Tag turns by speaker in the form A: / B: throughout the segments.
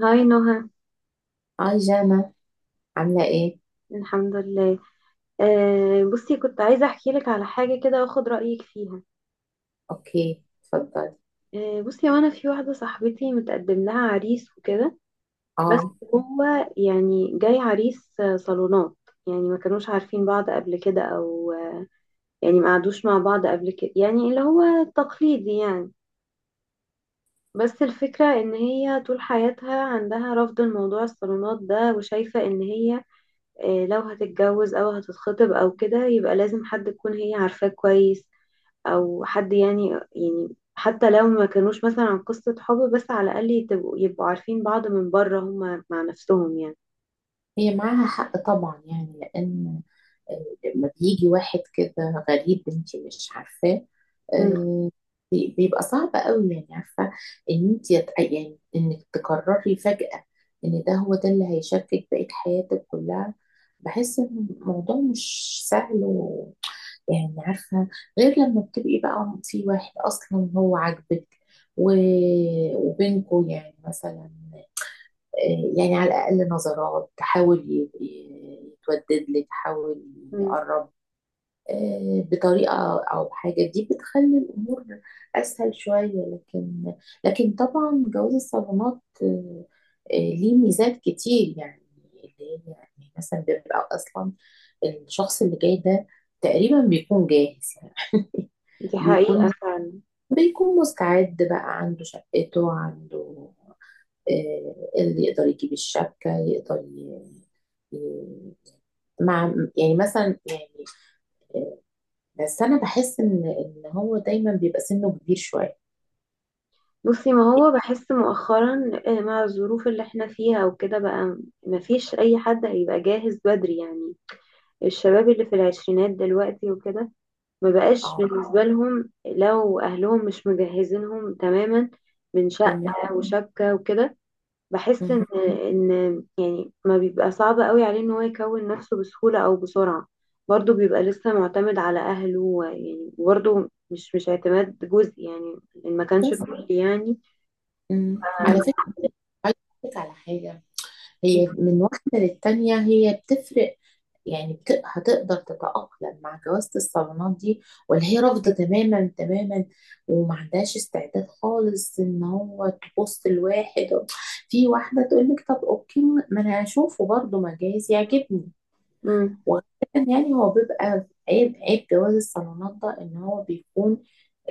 A: هاي نهى.
B: اه جانا، عاملة ايه؟
A: الحمد لله. بصي، كنت عايزة أحكي لك على حاجة كده وأخد رأيك فيها.
B: اوكي، اتفضلي.
A: بصي، وأنا في واحدة صاحبتي متقدم لها عريس وكده. بس
B: اه
A: هو يعني جاي عريس، صالونات. يعني ما كانوش عارفين بعض قبل كده أو يعني ما قعدوش مع بعض قبل كده، يعني اللي هو التقليدي يعني. بس الفكرة إن هي طول حياتها عندها رفض الموضوع الصالونات ده، وشايفة إن هي لو هتتجوز أو هتتخطب أو كده يبقى لازم حد تكون هي عارفاه كويس، او حد يعني. يعني حتى لو ما كانوش مثلا عن قصة حب، بس على الاقل يبقوا عارفين بعض من بره، هما مع نفسهم يعني.
B: هي معاها حق طبعا، يعني لان لما بيجي واحد كده غريب انت مش عارفاه،
A: مم.
B: آه، بيبقى صعب قوي يعني، عارفة ان انت يعني انك تقرري فجأة ان ده هو ده اللي هيشاركك بقية حياتك كلها. بحس ان الموضوع مش سهل يعني، عارفة، غير لما بتبقي بقى في واحد أصلا هو عاجبك و... وبينكوا يعني مثلا، يعني على الأقل نظرات تحاول يتودد لك، تحاول
A: مم.
B: يقرب بطريقة، أو بحاجة دي بتخلي الأمور أسهل شوية. لكن، لكن طبعا جواز الصالونات ليه ميزات كتير يعني، اللي هي يعني مثلا بيبقى أصلا الشخص اللي جاي ده تقريبا بيكون جاهز،
A: دي حقيقة
B: بيكون
A: فعلا.
B: بيكون مستعد بقى، عنده شقته، عنده اللي يقدر يجيب الشبكة، يقدر ي- مع يعني مثلا يعني آه، بس أنا بحس إن هو دايما بيبقى سنه كبير شوية.
A: بصي، ما هو بحس مؤخرا مع الظروف اللي احنا فيها وكده بقى، ما فيش اي حد هيبقى جاهز بدري يعني. الشباب اللي في العشرينات دلوقتي وكده، ما بقاش
B: اه،
A: بالنسبة لهم لو اهلهم مش مجهزينهم تماما من
B: تمام.
A: شقة وشبكة وكده. بحس
B: مم.
A: ان يعني ما بيبقى صعب قوي عليه ان هو يكون نفسه بسهولة او بسرعة. برضه بيبقى لسه معتمد على اهله يعني برضه مش اعتماد جزئي يعني، إن ما كانش
B: بس.
A: كلي يعني.
B: مم، على فكرة، عايزة أقولك على حاجة. هي من واحدة للتانية هي بتفرق، يعني هتقدر تتأقلم مع جوازة الصالونات دي، ولا هي رافضة تماما تماما وما عندهاش استعداد خالص ان هو تبص لواحد. في واحدة تقول لك طب اوكي، ما انا هشوفه برضه ما جايز يعجبني.
A: امم.
B: وغالبا يعني هو بيبقى عيب، عيب جواز الصالونات ده ان هو بيكون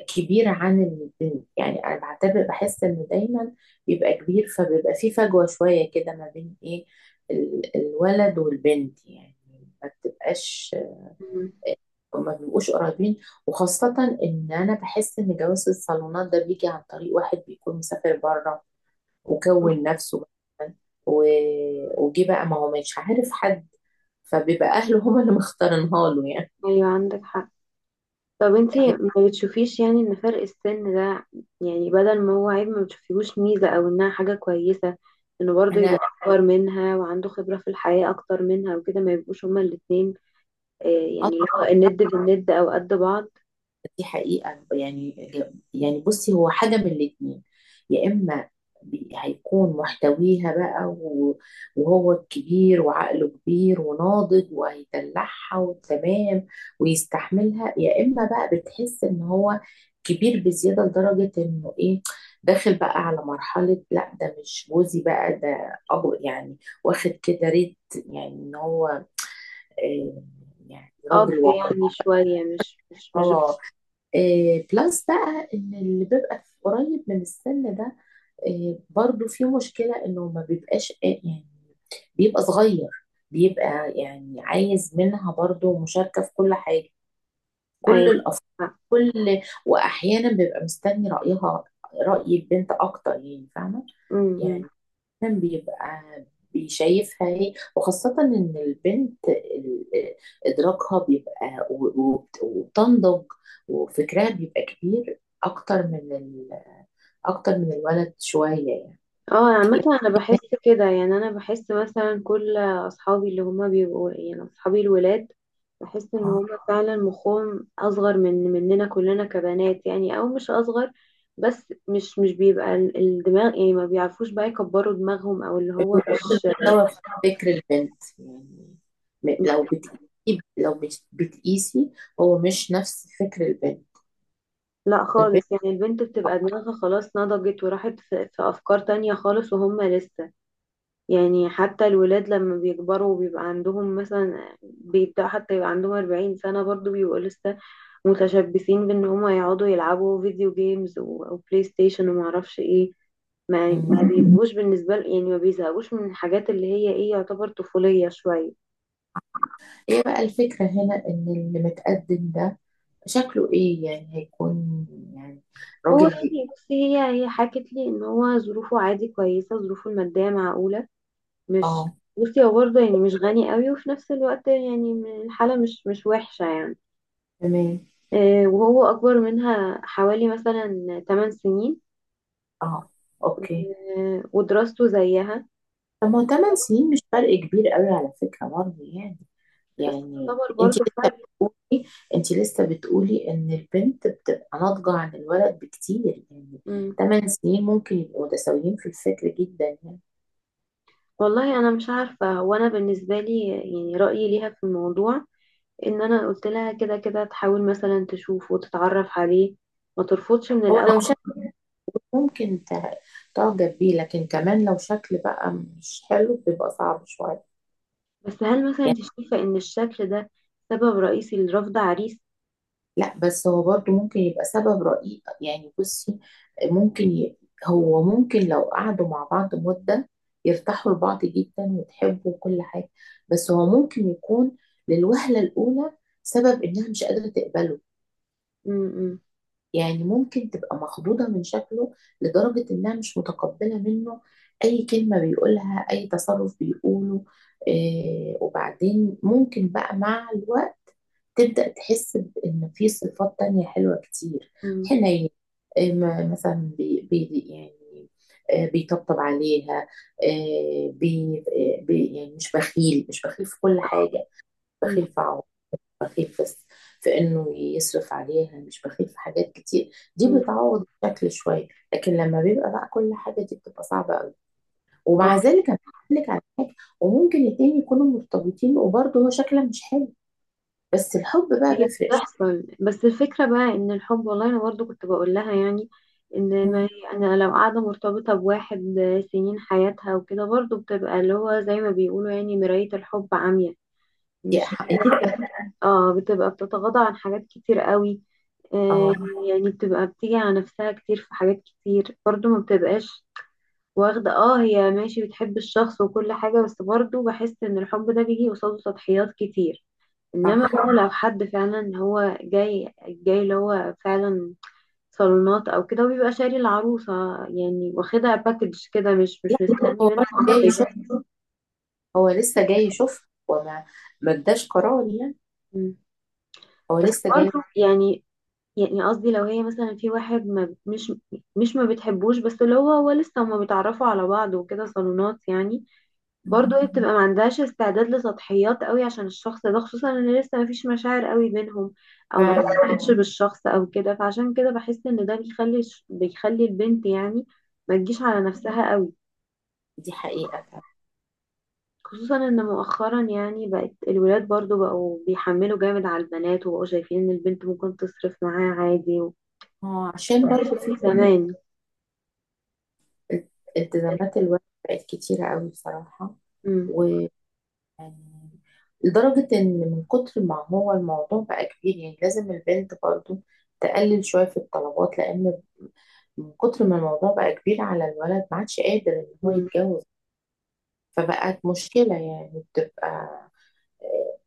B: كبيرة عن البنت. يعني أنا بعتبر، بحس إن دايما بيبقى كبير، فبيبقى في فجوة شوية كده ما بين إيه، الولد والبنت يعني، ما بتبقاش، ما بيبقوش قريبين. وخاصة إن أنا بحس إن جواز الصالونات ده بيجي عن طريق واحد بيكون مسافر بره وكون نفسه مثلا و... وجه بقى، ما هو مش عارف حد، فبيبقى أهله هما اللي مختارينها له يعني.
A: ايوه عندك حق. طب انتي ما بتشوفيش يعني ان فرق السن ده، يعني بدل ما هو عيب ما بتشوفيهوش ميزة او انها حاجة كويسة؟ انه برضه يبقى
B: أنا
A: اكبر منها وعنده خبرة في الحياة اكتر منها وكده، ما يبقوش هما الاتنين يعني اللي هو الند بالند او قد بعض.
B: دي حقيقة يعني. يعني بصي، هو حاجة من الاتنين: يا إما هيكون محتويها بقى وهو الكبير وعقله كبير وناضج وهيدلعها وتمام ويستحملها، يا إما بقى بتحس إن هو كبير بزيادة لدرجة إنه إيه، داخل بقى على مرحلة، لا ده مش جوزي بقى، ده أبو يعني، واخد كده ريت يعني إن هو آه، يعني
A: اب
B: راجل
A: يعني شوية مش.
B: وقور. بلس بقى ان اللي بيبقى قريب من السن ده برضو في مشكلة انه ما بيبقاش يعني بيبقى صغير، بيبقى يعني عايز منها برضو مشاركة في كل حاجة، كل
A: ايوه.
B: الأف كل واحيانا بيبقى مستني رأيها، رأي البنت اكتر يعني، فاهمة
A: امم.
B: يعني. دايماً بيبقى بيشايفها هي، وخاصة إن البنت إدراكها بيبقى وبتنضج وفكرها بيبقى كبير أكتر من أكتر من الولد شوية يعني.
A: اه، عامة انا بحس كده يعني، انا بحس مثلا كل اصحابي اللي هما بيبقوا يعني اصحابي الولاد، بحس ان
B: اه،
A: هما فعلا مخهم اصغر من مننا كلنا كبنات يعني، او مش اصغر، بس مش بيبقى الدماغ، يعني ما بيعرفوش بقى يكبروا دماغهم او اللي هو
B: بتوصل
A: مش.
B: المستوى في فكر البنت يعني. لو بتقيسي، لو بتقيسي، هو مش نفس فكر البنت.
A: لا
B: البنت
A: خالص، يعني البنت بتبقى دماغها خلاص نضجت وراحت في أفكار تانية خالص، وهم لسه. يعني حتى الولاد لما بيكبروا وبيبقى عندهم مثلا، بيبدأ حتى يبقى عندهم 40 سنة، برضو بيبقوا لسه متشبثين بإن هما يقعدوا يلعبوا فيديو جيمز وبلاي ستيشن ومعرفش ايه. ما
B: مم.
A: ما بيبقوش بالنسبة يعني، ما بيزهقوش من الحاجات اللي هي ايه يعتبر طفولية شوية.
B: إيه بقى الفكرة هنا، إن اللي متقدم ده شكله ايه؟ يعني هيكون يعني
A: هو
B: راجل.
A: يعني بصي، هي حكت لي ان هو ظروفه عادي كويسة، ظروفه المادية معقولة، مش.
B: اه،
A: بصي هو برضه يعني مش غني قوي، وفي نفس الوقت يعني الحالة مش وحشة يعني.
B: تمام.
A: وهو أكبر منها حوالي مثلا 8 سنين.
B: اه، اوكي.
A: ودراسته زيها.
B: طب ما هو 8 سنين مش فرق كبير قوي على فكرة برضه يعني.
A: بس
B: يعني
A: تعتبر
B: انت
A: برضه
B: لسه
A: فرق.
B: بتقولي انت لسه بتقولي ان البنت بتبقى ناضجة عن الولد بكتير يعني.
A: مم.
B: 8 سنين ممكن يبقوا متساويين في الفكر جدا يعني.
A: والله أنا مش عارفة. هو أنا بالنسبة لي يعني رأيي ليها في الموضوع، إن أنا قلت لها كده كده تحاول مثلا تشوف وتتعرف عليه، ما ترفضش من
B: هو
A: الأول.
B: لو شكل، ممكن تع- تعجب بيه، لكن كمان لو شكل بقى مش حلو بيبقى صعب شوية.
A: بس هل مثلا أنت شايفة إن الشكل ده سبب رئيسي لرفض عريس؟
B: لا، بس هو برضو ممكن يبقى سبب رئيسي يعني. بصي، ممكن ي... هو ممكن لو قعدوا مع بعض مدة يرتاحوا لبعض جدا وتحبوا وكل حاجة، بس هو ممكن يكون للوهلة الأولى سبب إنها مش قادرة تقبله.
A: مم.
B: يعني ممكن تبقى مخضوضة من شكله لدرجة إنها مش متقبلة منه أي كلمة بيقولها، أي تصرف بيقوله إيه. وبعدين ممكن بقى مع الوقت تبدأ تحس بإن في صفات تانية حلوة كتير،
A: مم.
B: حنين، مثلا بي يعني بيطبطب عليها، آه، بي آه، بي يعني مش بخيل، مش بخيل في كل حاجة،
A: مم.
B: بخيل في عمره، بخيل في في إنه يصرف عليها، مش بخيل في حاجات كتير، دي
A: مم.
B: بتعوض الشكل شوية. لكن لما بيبقى بقى كل حاجة دي بتبقى صعبة قوي. ومع
A: اه
B: ذلك أنا بقول لك على حاجة، وممكن الاتنين يكونوا مرتبطين وبرضه هو شكلها مش حلو، بس الحب بقى
A: هي
B: بيفرق.
A: بتحصل، بس الفكرة بقى ان الحب. والله انا برضو كنت بقول لها يعني، ان ما هي انا لو قاعدة مرتبطة بواحد سنين حياتها وكده، برضو بتبقى اللي هو زي ما بيقولوا يعني مراية الحب عمياء،
B: هي
A: مش
B: حقيقة.
A: اه، بتبقى بتتغاضى عن حاجات كتير قوي. آه.
B: اه،
A: يعني بتبقى بتيجي على نفسها كتير في حاجات كتير، برضو ما بتبقاش واخدة. اه، هي ماشي بتحب الشخص وكل حاجة، بس برضو بحس ان الحب ده بيجي قصاده تضحيات كتير. انما
B: صح.
A: بقى لو حد فعلا هو جاي جاي اللي هو فعلا صالونات او كده وبيبقى شاري العروسة، يعني واخدها باكج كده، مش
B: لا،
A: مش مستني
B: هو
A: منها
B: برضه جاي
A: حاجة.
B: يشوف، هو لسه جاي يشوف، هو ما اداش قرار يعني،
A: مم.
B: هو
A: بس
B: لسه جاي.
A: برضه يعني، يعني قصدي لو هي مثلا في واحد ما، مش ما بتحبوش، بس اللي هو لسه هما بيتعرفوا على بعض وكده صالونات يعني.
B: مم.
A: برضو هي بتبقى ما عندهاش استعداد لسطحيات قوي عشان الشخص ده، خصوصا ان لسه ما فيش مشاعر قوي بينهم، او ما
B: فعلا،
A: تفهمش بالشخص او كده، فعشان كده بحس ان ده بيخلي بيخلي البنت يعني، ما تجيش على نفسها قوي.
B: دي حقيقة فعلا.
A: خصوصا ان مؤخرا يعني بقت الولاد برضو بقوا بيحملوا جامد على البنات، وبقوا شايفين ان البنت ممكن تصرف معاه عادي و
B: اه، عشان
A: مش
B: برضه
A: زي
B: في
A: زمان.
B: التزامات الولد بقت كتيرة قوي بصراحة.
A: امم.
B: ويعني لدرجة إن من كتر ما هو الموضوع بقى كبير، يعني لازم البنت برضه تقلل شوية في الطلبات، لأن من كتر ما الموضوع بقى كبير على الولد ما عادش قادر إن هو
A: امم.
B: يتجوز. فبقت مشكلة يعني، بتبقى آه،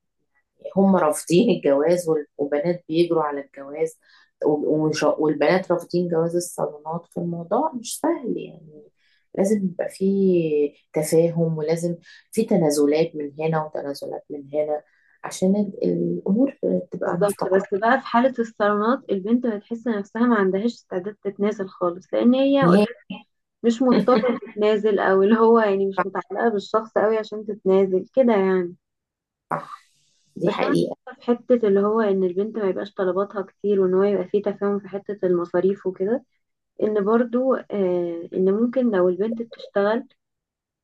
B: هم رافضين الجواز وبنات بيجروا على الجواز، والبنات رافضين جواز الصالونات، فالموضوع مش سهل يعني. لازم يبقى فيه تفاهم، ولازم في تنازلات من هنا وتنازلات من هنا عشان الأمور تبقى
A: بالظبط.
B: مستقرة.
A: بس بقى في حالة الصالونات، البنت بتحس نفسها ما عندهاش استعداد تتنازل خالص، لأن هي مش
B: نهائي.
A: مضطرة تتنازل، او اللي هو يعني مش متعلقة بالشخص قوي عشان تتنازل كده يعني.
B: صح، دي
A: بس انا
B: حقيقة.
A: شايفة في حتة اللي هو ان البنت ما يبقاش طلباتها كتير، وان هو يبقى فيه تفاهم في حتة المصاريف وكده، ان برضو ان ممكن لو البنت بتشتغل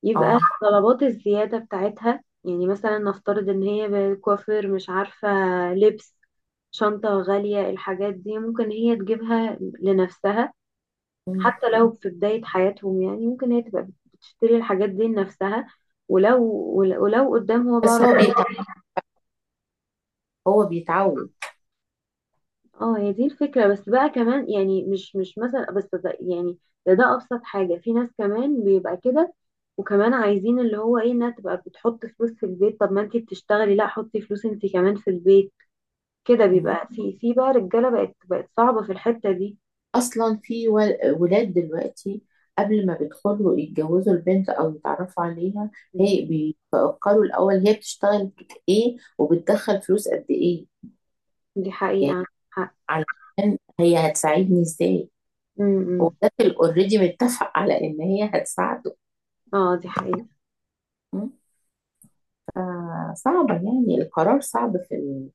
A: يبقى
B: اه.
A: طلبات الزيادة بتاعتها. يعني مثلا نفترض ان هي كوافير، مش عارفة، لبس، شنطة غالية، الحاجات دي ممكن هي تجيبها لنفسها،
B: مم.
A: حتى لو في بداية حياتهم. يعني ممكن هي تبقى بتشتري الحاجات دي لنفسها. ولو ولو قدام هو بقى
B: بس هو بيتعود، هو بيتعود.
A: اه هي دي الفكرة، بس بقى كمان يعني مش مثلا، بس ده يعني ده أبسط حاجة. في ناس كمان بيبقى كده، وكمان عايزين اللي هو ايه، انها تبقى بتحط فلوس في البيت. طب ما انتي بتشتغلي، لا حطي فلوس انتي كمان في البيت. كده بيبقى في بقى رجالة بقت بقت صعبة في الحتة دي.
B: اصلا في ولاد دلوقتي قبل ما بيدخلوا يتجوزوا البنت او يتعرفوا عليها،
A: م.
B: هي بيفكروا الاول هي بتشتغل ايه، وبتدخل فلوس قد ايه
A: دي حقيقة،
B: يعني.
A: عندك حق.
B: علشان هي هتساعدني ازاي؟
A: م-
B: هو
A: م.
B: ده اوريدي متفق على ان هي هتساعده.
A: اه، دي حقيقة.
B: م؟ فصعبة، يعني القرار صعب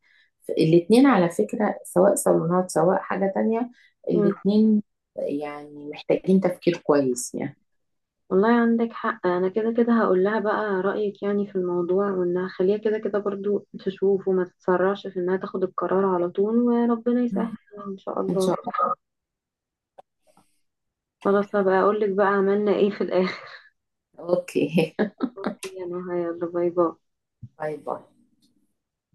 B: في الاتنين على فكرة، سواء صالونات سواء حاجة تانية،
A: م.
B: الاتنين يعني محتاجين تفكير كويس يعني.
A: والله عندك حق. انا كده كده هقول لها بقى رأيك يعني في الموضوع، وان هخليها كده كده برضو تشوف وما تتسرعش في انها تاخد القرار على طول، وربنا يسهل يعني ان شاء
B: ان
A: الله.
B: شاء
A: خلاص، هبقى اقول لك بقى عملنا ايه في الاخر.
B: الله. اوكي،
A: يلا يلا، باي باي.
B: باي باي.